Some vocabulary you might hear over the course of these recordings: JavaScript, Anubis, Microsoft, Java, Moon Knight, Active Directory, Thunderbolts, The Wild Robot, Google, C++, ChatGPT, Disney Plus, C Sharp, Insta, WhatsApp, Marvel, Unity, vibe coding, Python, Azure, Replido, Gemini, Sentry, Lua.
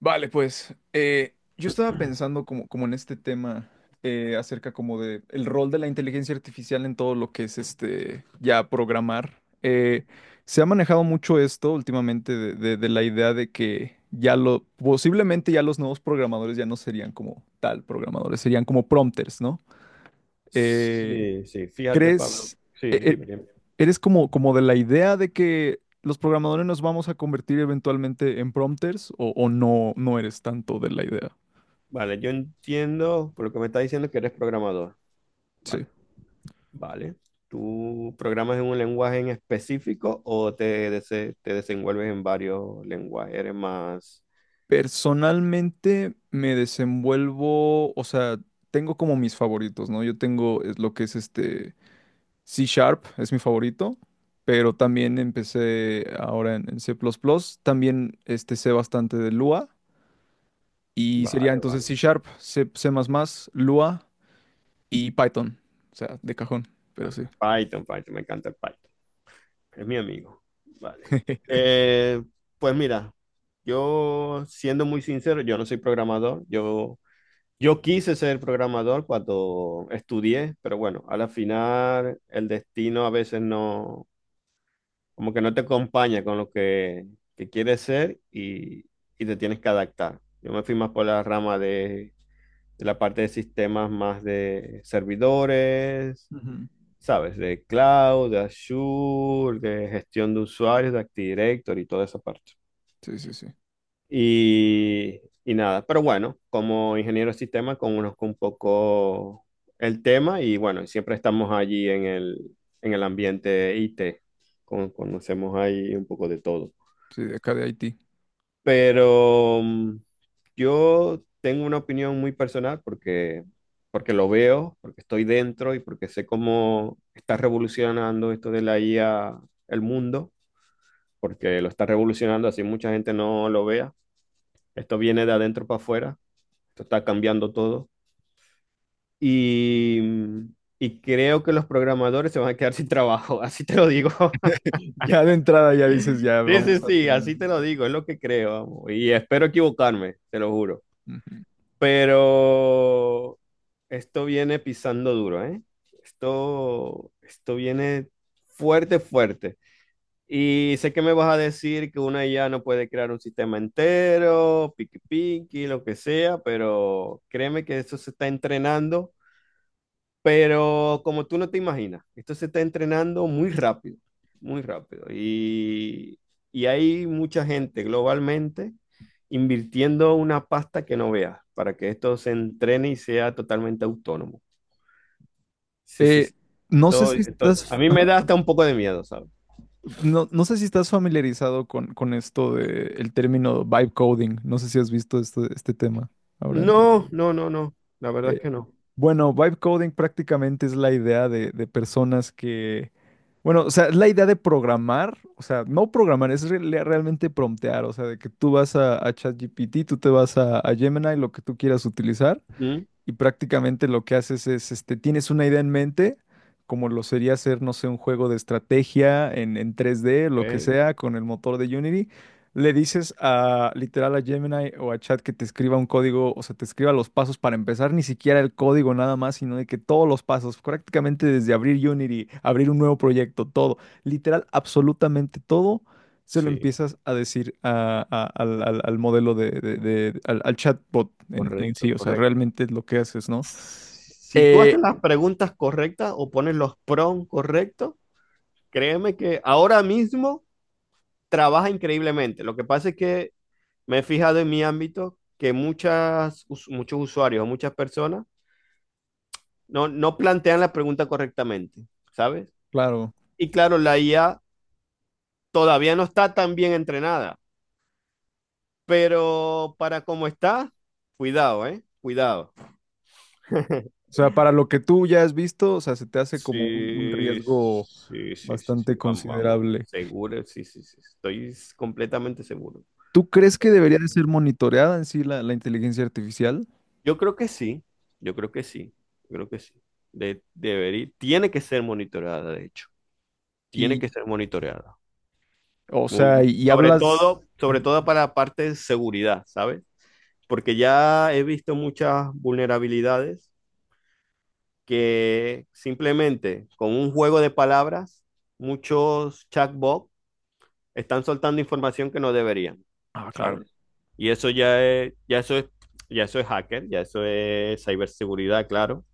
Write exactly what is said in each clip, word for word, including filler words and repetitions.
Vale, pues eh, yo estaba pensando como, como en este tema eh, acerca como de el rol de la inteligencia artificial en todo lo que es este ya programar. Eh, se ha manejado mucho esto últimamente de, de- de la idea de que ya lo posiblemente ya los nuevos programadores ya no serían como tal programadores, serían como prompters, ¿no? Eh, Sí, sí, fíjate, Pablo. ¿Crees? Sí, e, e, dime, dime. ¿Eres como, como de la idea de que los programadores nos vamos a convertir eventualmente en prompters o, o no, no eres tanto de la idea? Vale, yo entiendo por lo que me estás diciendo que eres programador. Sí. Vale, vale. ¿Tú programas en un lenguaje en específico o te, dese- te desenvuelves en varios lenguajes? Eres más... Personalmente me desenvuelvo, o sea, tengo como mis favoritos, ¿no? Yo tengo es lo que es este C Sharp, es mi favorito, pero también empecé ahora en, en C++, también este, sé bastante de Lua y sería Vale, entonces vale, C Sharp, C++, C++, Lua y Python, o sea, de cajón, pero vale. sí. Python, Python, me encanta el Python. Es mi amigo. Vale. Eh, pues mira, yo siendo muy sincero, yo no soy programador. Yo Yo quise ser programador cuando estudié, pero bueno, a la final el destino a veces no, como que no te acompaña con lo que, que quieres ser y, y te tienes que adaptar. Yo me fui más por la rama de, de la parte de sistemas más de servidores, Ujú. ¿sabes? De cloud, de Azure, de gestión de usuarios, de Active Directory y toda esa parte. Sí, sí, sí. Y, y nada, pero bueno, como ingeniero de sistema conozco un poco el tema y bueno, siempre estamos allí en el, en el ambiente I T. Con- conocemos ahí un poco de todo. Sí, de acá de Haití. Pero mm, yo tengo una opinión muy personal porque, porque lo veo, porque estoy dentro y porque sé cómo está revolucionando esto de la I A el mundo, porque lo está revolucionando así mucha gente no lo vea. Esto viene de adentro para afuera. Esto está cambiando todo. Y, mm, y creo que los programadores se van a quedar sin trabajo, así te lo digo. Ya de entrada ya dices, ya Sí, sí, claro, vamos a sí, tener... así te lo digo, es lo que creo, vamos. Y espero equivocarme, te lo juro. Ujú. Pero esto viene pisando duro, ¿eh? Esto, esto viene fuerte, fuerte. Y sé que me vas a decir que una I A no puede crear un sistema entero, piqui piqui, lo que sea, pero créeme que eso se está entrenando. Pero como tú no te imaginas, esto se está entrenando muy rápido, muy rápido. Y, y hay mucha gente globalmente invirtiendo una pasta que no veas para que esto se entrene y sea totalmente autónomo. Sí, sí, Eh, sí. no sé si Estoy- estoy- a estás, mí me ajá. da hasta un poco de miedo, ¿sabes? No, no sé si estás familiarizado con, con esto de el término vibe coding. No sé si has visto este, este tema ahora. en- No, no, no, no. La verdad es eh, que no. bueno, vibe coding prácticamente es la idea de, de personas que, bueno, o sea, es la idea de programar, o sea, no programar, es re- le- realmente promptear, o sea, de que tú vas a, a ChatGPT, tú te vas a, a Gemini, lo que tú quieras utilizar. Ujú. Y prácticamente lo que haces es, este, tienes una idea en mente, como lo sería hacer, no sé, un juego de estrategia en, en tres d lo que Ok. sea, con el motor de Unity. Le dices a literal a Gemini o a Chat que te escriba un código, o sea, te escriba los pasos para empezar, ni siquiera el código nada más, sino de que todos los pasos, prácticamente desde abrir Unity, abrir un nuevo proyecto, todo, literal, absolutamente todo se lo Sí, empiezas a decir a- a- al, al- al modelo de, de- de- al, al chatbot en, en sí, correcto, o sea, correcto. realmente es lo que haces, ¿no? Si tú Eh, haces las preguntas correctas o pones los prompts correctos, créeme que ahora mismo trabaja increíblemente. Lo que pasa es que me he fijado en mi ámbito que muchas, us- muchos usuarios o muchas personas no, no plantean la pregunta correctamente, ¿sabes? claro, Y claro, la I A todavía no está tan bien entrenada, pero para cómo está, cuidado, ¿eh? Cuidado. o sea, para lo que tú ya has visto, o sea, se te hace como un, un Sí, riesgo sí, sí, sí, sí, bastante vamos, vamos, considerable. seguro, sí, sí, sí, estoy completamente seguro. ¿Tú crees que debería de ser monitoreada en sí la, la inteligencia artificial? Yo creo que sí, yo creo que sí, yo creo que sí. De, debería, tiene que ser monitoreada, de hecho, tiene Y, que ser monitoreada. o sea, y, Muy, y sobre hablas... todo, sobre Ujú. todo para la parte de seguridad, ¿sabes? Porque ya he visto muchas vulnerabilidades que simplemente con un juego de palabras, muchos chatbots están soltando información que no deberían, Ah, claro, ¿sabes? Y eso ya es, ya eso es, ya eso es hacker, ya eso es ciberseguridad, claro.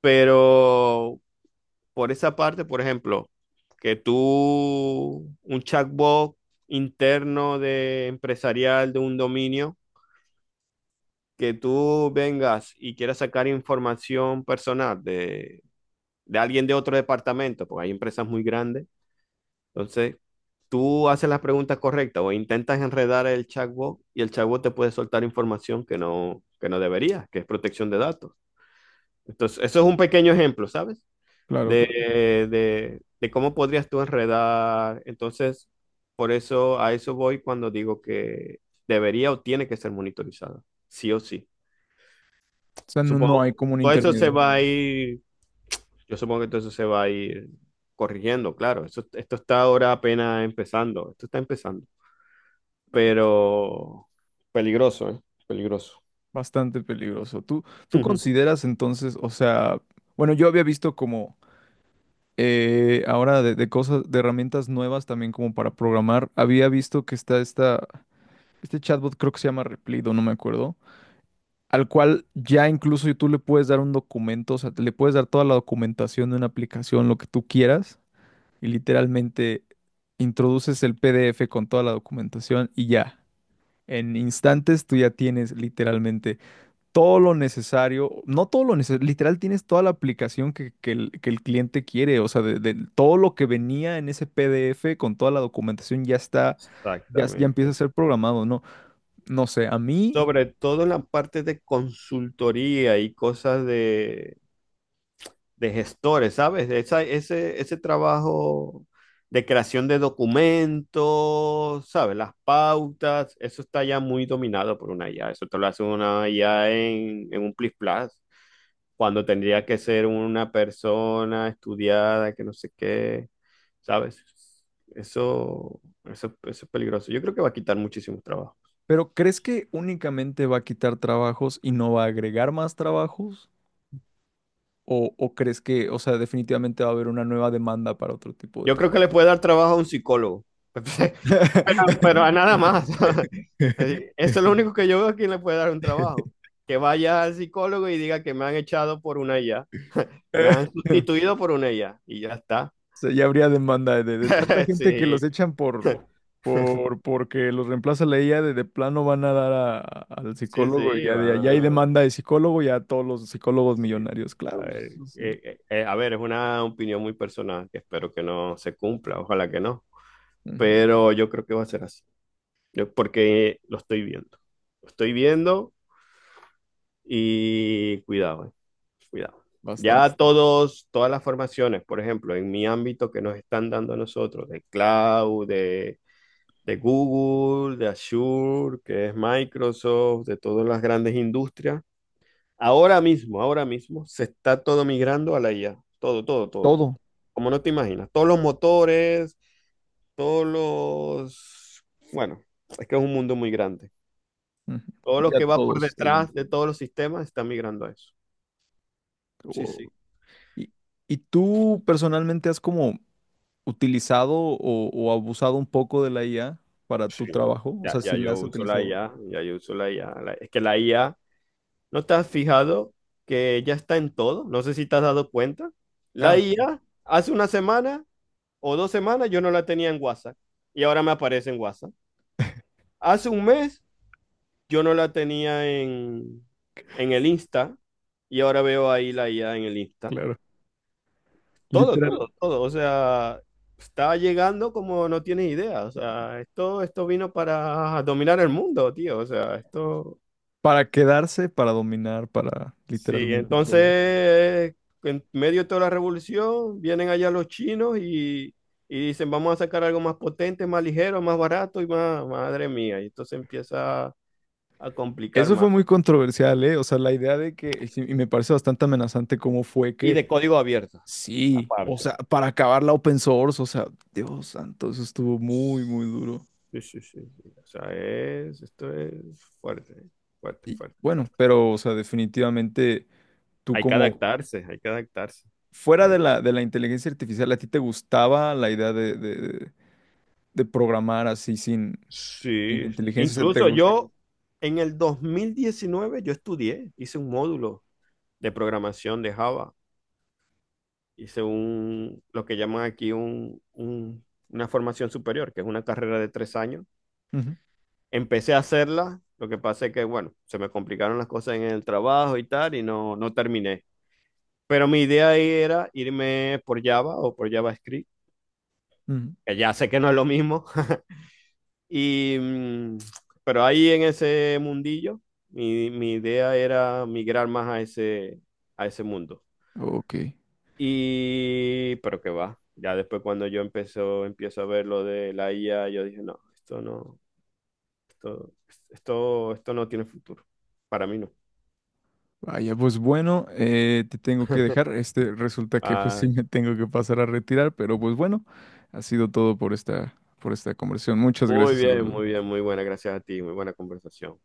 Pero por esa parte, por ejemplo, que tú, un chatbot interno de empresarial de un dominio, que tú vengas y quieras sacar información personal de, de alguien de otro departamento, porque hay empresas muy grandes, entonces tú haces las preguntas correctas o intentas enredar el chatbot y el chatbot te puede soltar información que no, que no debería, que es protección de datos. Entonces, eso es un pequeño ejemplo, ¿sabes? claro, De, claro. de- de cómo podrías tú enredar. Entonces, por eso a eso voy cuando digo que debería o tiene que ser monitorizada, sí o sí. O sea, no, no hay Supongo, como un todo eso intermedio. se va a ir, yo supongo que todo eso se va a ir corrigiendo, claro. Eso esto está ahora apenas empezando, esto está empezando, pero peligroso, ¿eh? Peligroso. Bastante peligroso. ¿Tú, tú consideras entonces, o sea, bueno, yo había visto como Eh, ahora de, de cosas, de herramientas nuevas también como para programar, había visto que está esta, este chatbot creo que se llama Replido, no no me acuerdo, al cual ya incluso tú le puedes dar un documento, o sea, le puedes dar toda la documentación de una aplicación, lo que tú quieras, y literalmente introduces el PDF con toda la documentación y ya, en instantes tú ya tienes literalmente todo lo necesario, no todo lo necesario, literal tienes toda la aplicación que, que el, que el cliente quiere, o sea, de, de todo lo que venía en ese PDF con toda la documentación ya está, ya, ya empieza a Exactamente. ser programado, ¿no? No sé, a mí, Sobre todo en la parte de consultoría y cosas de, de gestores, ¿sabes? Esa- ese, ese trabajo de creación de documentos, ¿sabes? Las pautas, eso está ya muy dominado por una I A. Eso te lo hace una I A en, en un plis plas, cuando tendría que ser una persona estudiada, que no sé qué, ¿sabes? Eso, eso, eso es peligroso. Yo creo que va a quitar muchísimo trabajo. pero ¿crees que únicamente va a quitar trabajos y no va a agregar más trabajos? ¿O, o crees que, o sea, definitivamente va a haber una nueva demanda para otro tipo de Yo creo que trabajo? le puede dar trabajo a un psicólogo. Pero a nada más. Así, eso es lo único que yo veo a quien le puede dar un trabajo. Que vaya al psicólogo y diga que me han echado por una I A. Me han sustituido por una I A. Y ya está. sea, ya habría demanda de, de tanta gente que los echan por, por, porque los reemplaza la I A, de, de plano van a dar a- a- al Sí, sí, psicólogo y sí, ya va. de allá hay demanda de psicólogo, ya todos los psicólogos Sí. millonarios, A claro, ver, eso sí, eh, eh, eh, a ver, es una opinión muy personal que espero que no se cumpla. Ojalá que no. ujú, Pero yo creo que va a ser así. Yo- porque lo estoy viendo. Lo estoy viendo. Y cuidado, eh, cuidado. bastante? Ya todos, todas las formaciones, por ejemplo, en mi ámbito que nos están dando a nosotros, de cloud, de, de Google, de Azure, que es Microsoft, de todas las grandes industrias, ahora mismo, ahora mismo, se está todo migrando a la I A. Todo, todo, todo, todo. Todo, Como no te imaginas, todos los motores, todos los... Bueno, es que es un mundo muy grande. ujú, Todo lo ya que va por todos está yendo. detrás de todos los sistemas está migrando a eso. Sí, sí. Wow. ¿Y, y tú personalmente has como utilizado o, o abusado un poco de la I A para Sí, tu trabajo? O ya, sea, ya ¿si la yo has uso la utilizado? I A, ya yo uso la I A. La- es que la I A, ¿no te has fijado que ya está en todo? No sé si te has dado cuenta. Ah, La sí, I A, hace una semana o dos semanas yo no la tenía en WhatsApp y ahora me aparece en WhatsApp. Hace un mes yo no la tenía en, en el Insta y ahora veo ahí la I A en el Insta. claro. Todo, todo, todo. O sea, está llegando como no tienes idea. O sea, esto, esto vino para dominar el mundo, tío. O sea, esto... Para quedarse, para dominar, para Sí, literalmente todo. entonces, en medio de toda la revolución, vienen allá los chinos y, y dicen, vamos a sacar algo más potente, más ligero, más barato y más, madre mía. Y entonces empieza a complicar Eso fue más. muy controversial, ¿eh? O sea, la idea de que, y sí, y me parece bastante amenazante cómo fue Y que, de código abierto, sí, o aparte. sea, para acabar la open source, o sea, Dios santo, eso estuvo muy, muy duro. Sí, sí, sí, sí. O sea, es, esto es fuerte, fuerte, Y fuerte, bueno, fuerte. pero, o sea, definitivamente tú Hay que como, adaptarse, hay que adaptarse. Hay fuera de que adapt- la, de la inteligencia artificial, ¿a ti te gustaba la idea de, de, de programar así sin, sin Sí, inteligencia? O sea, te incluso gusta. yo en el dos mil diecinueve yo estudié, hice un módulo de programación de Java. Hice un, lo que llaman aquí un, un- una formación superior, que es una carrera de tres años. Empecé a hacerla, lo que pasa es que, bueno, se me complicaron las cosas en el trabajo y tal, y no, no terminé. Pero mi idea ahí era irme por Java o por JavaScript, que ya sé que no es lo mismo. Y, mm, pero ahí en ese mundillo, mi, mi idea era migrar más a ese, a ese mundo. Ok. Y, pero que va. Ya después cuando yo empezó, empiezo a ver lo de la I A, yo dije, no, esto no, esto, esto, esto no tiene futuro. Para mí no. Vaya, pues bueno, eh, te tengo que dejar. Este resulta que pues sí Vale. me tengo que pasar a retirar, pero pues bueno, ha sido todo por esta, por esta conversación. Muchas Muy gracias. bien, muy bien, muy buena. Gracias a ti, muy buena conversación.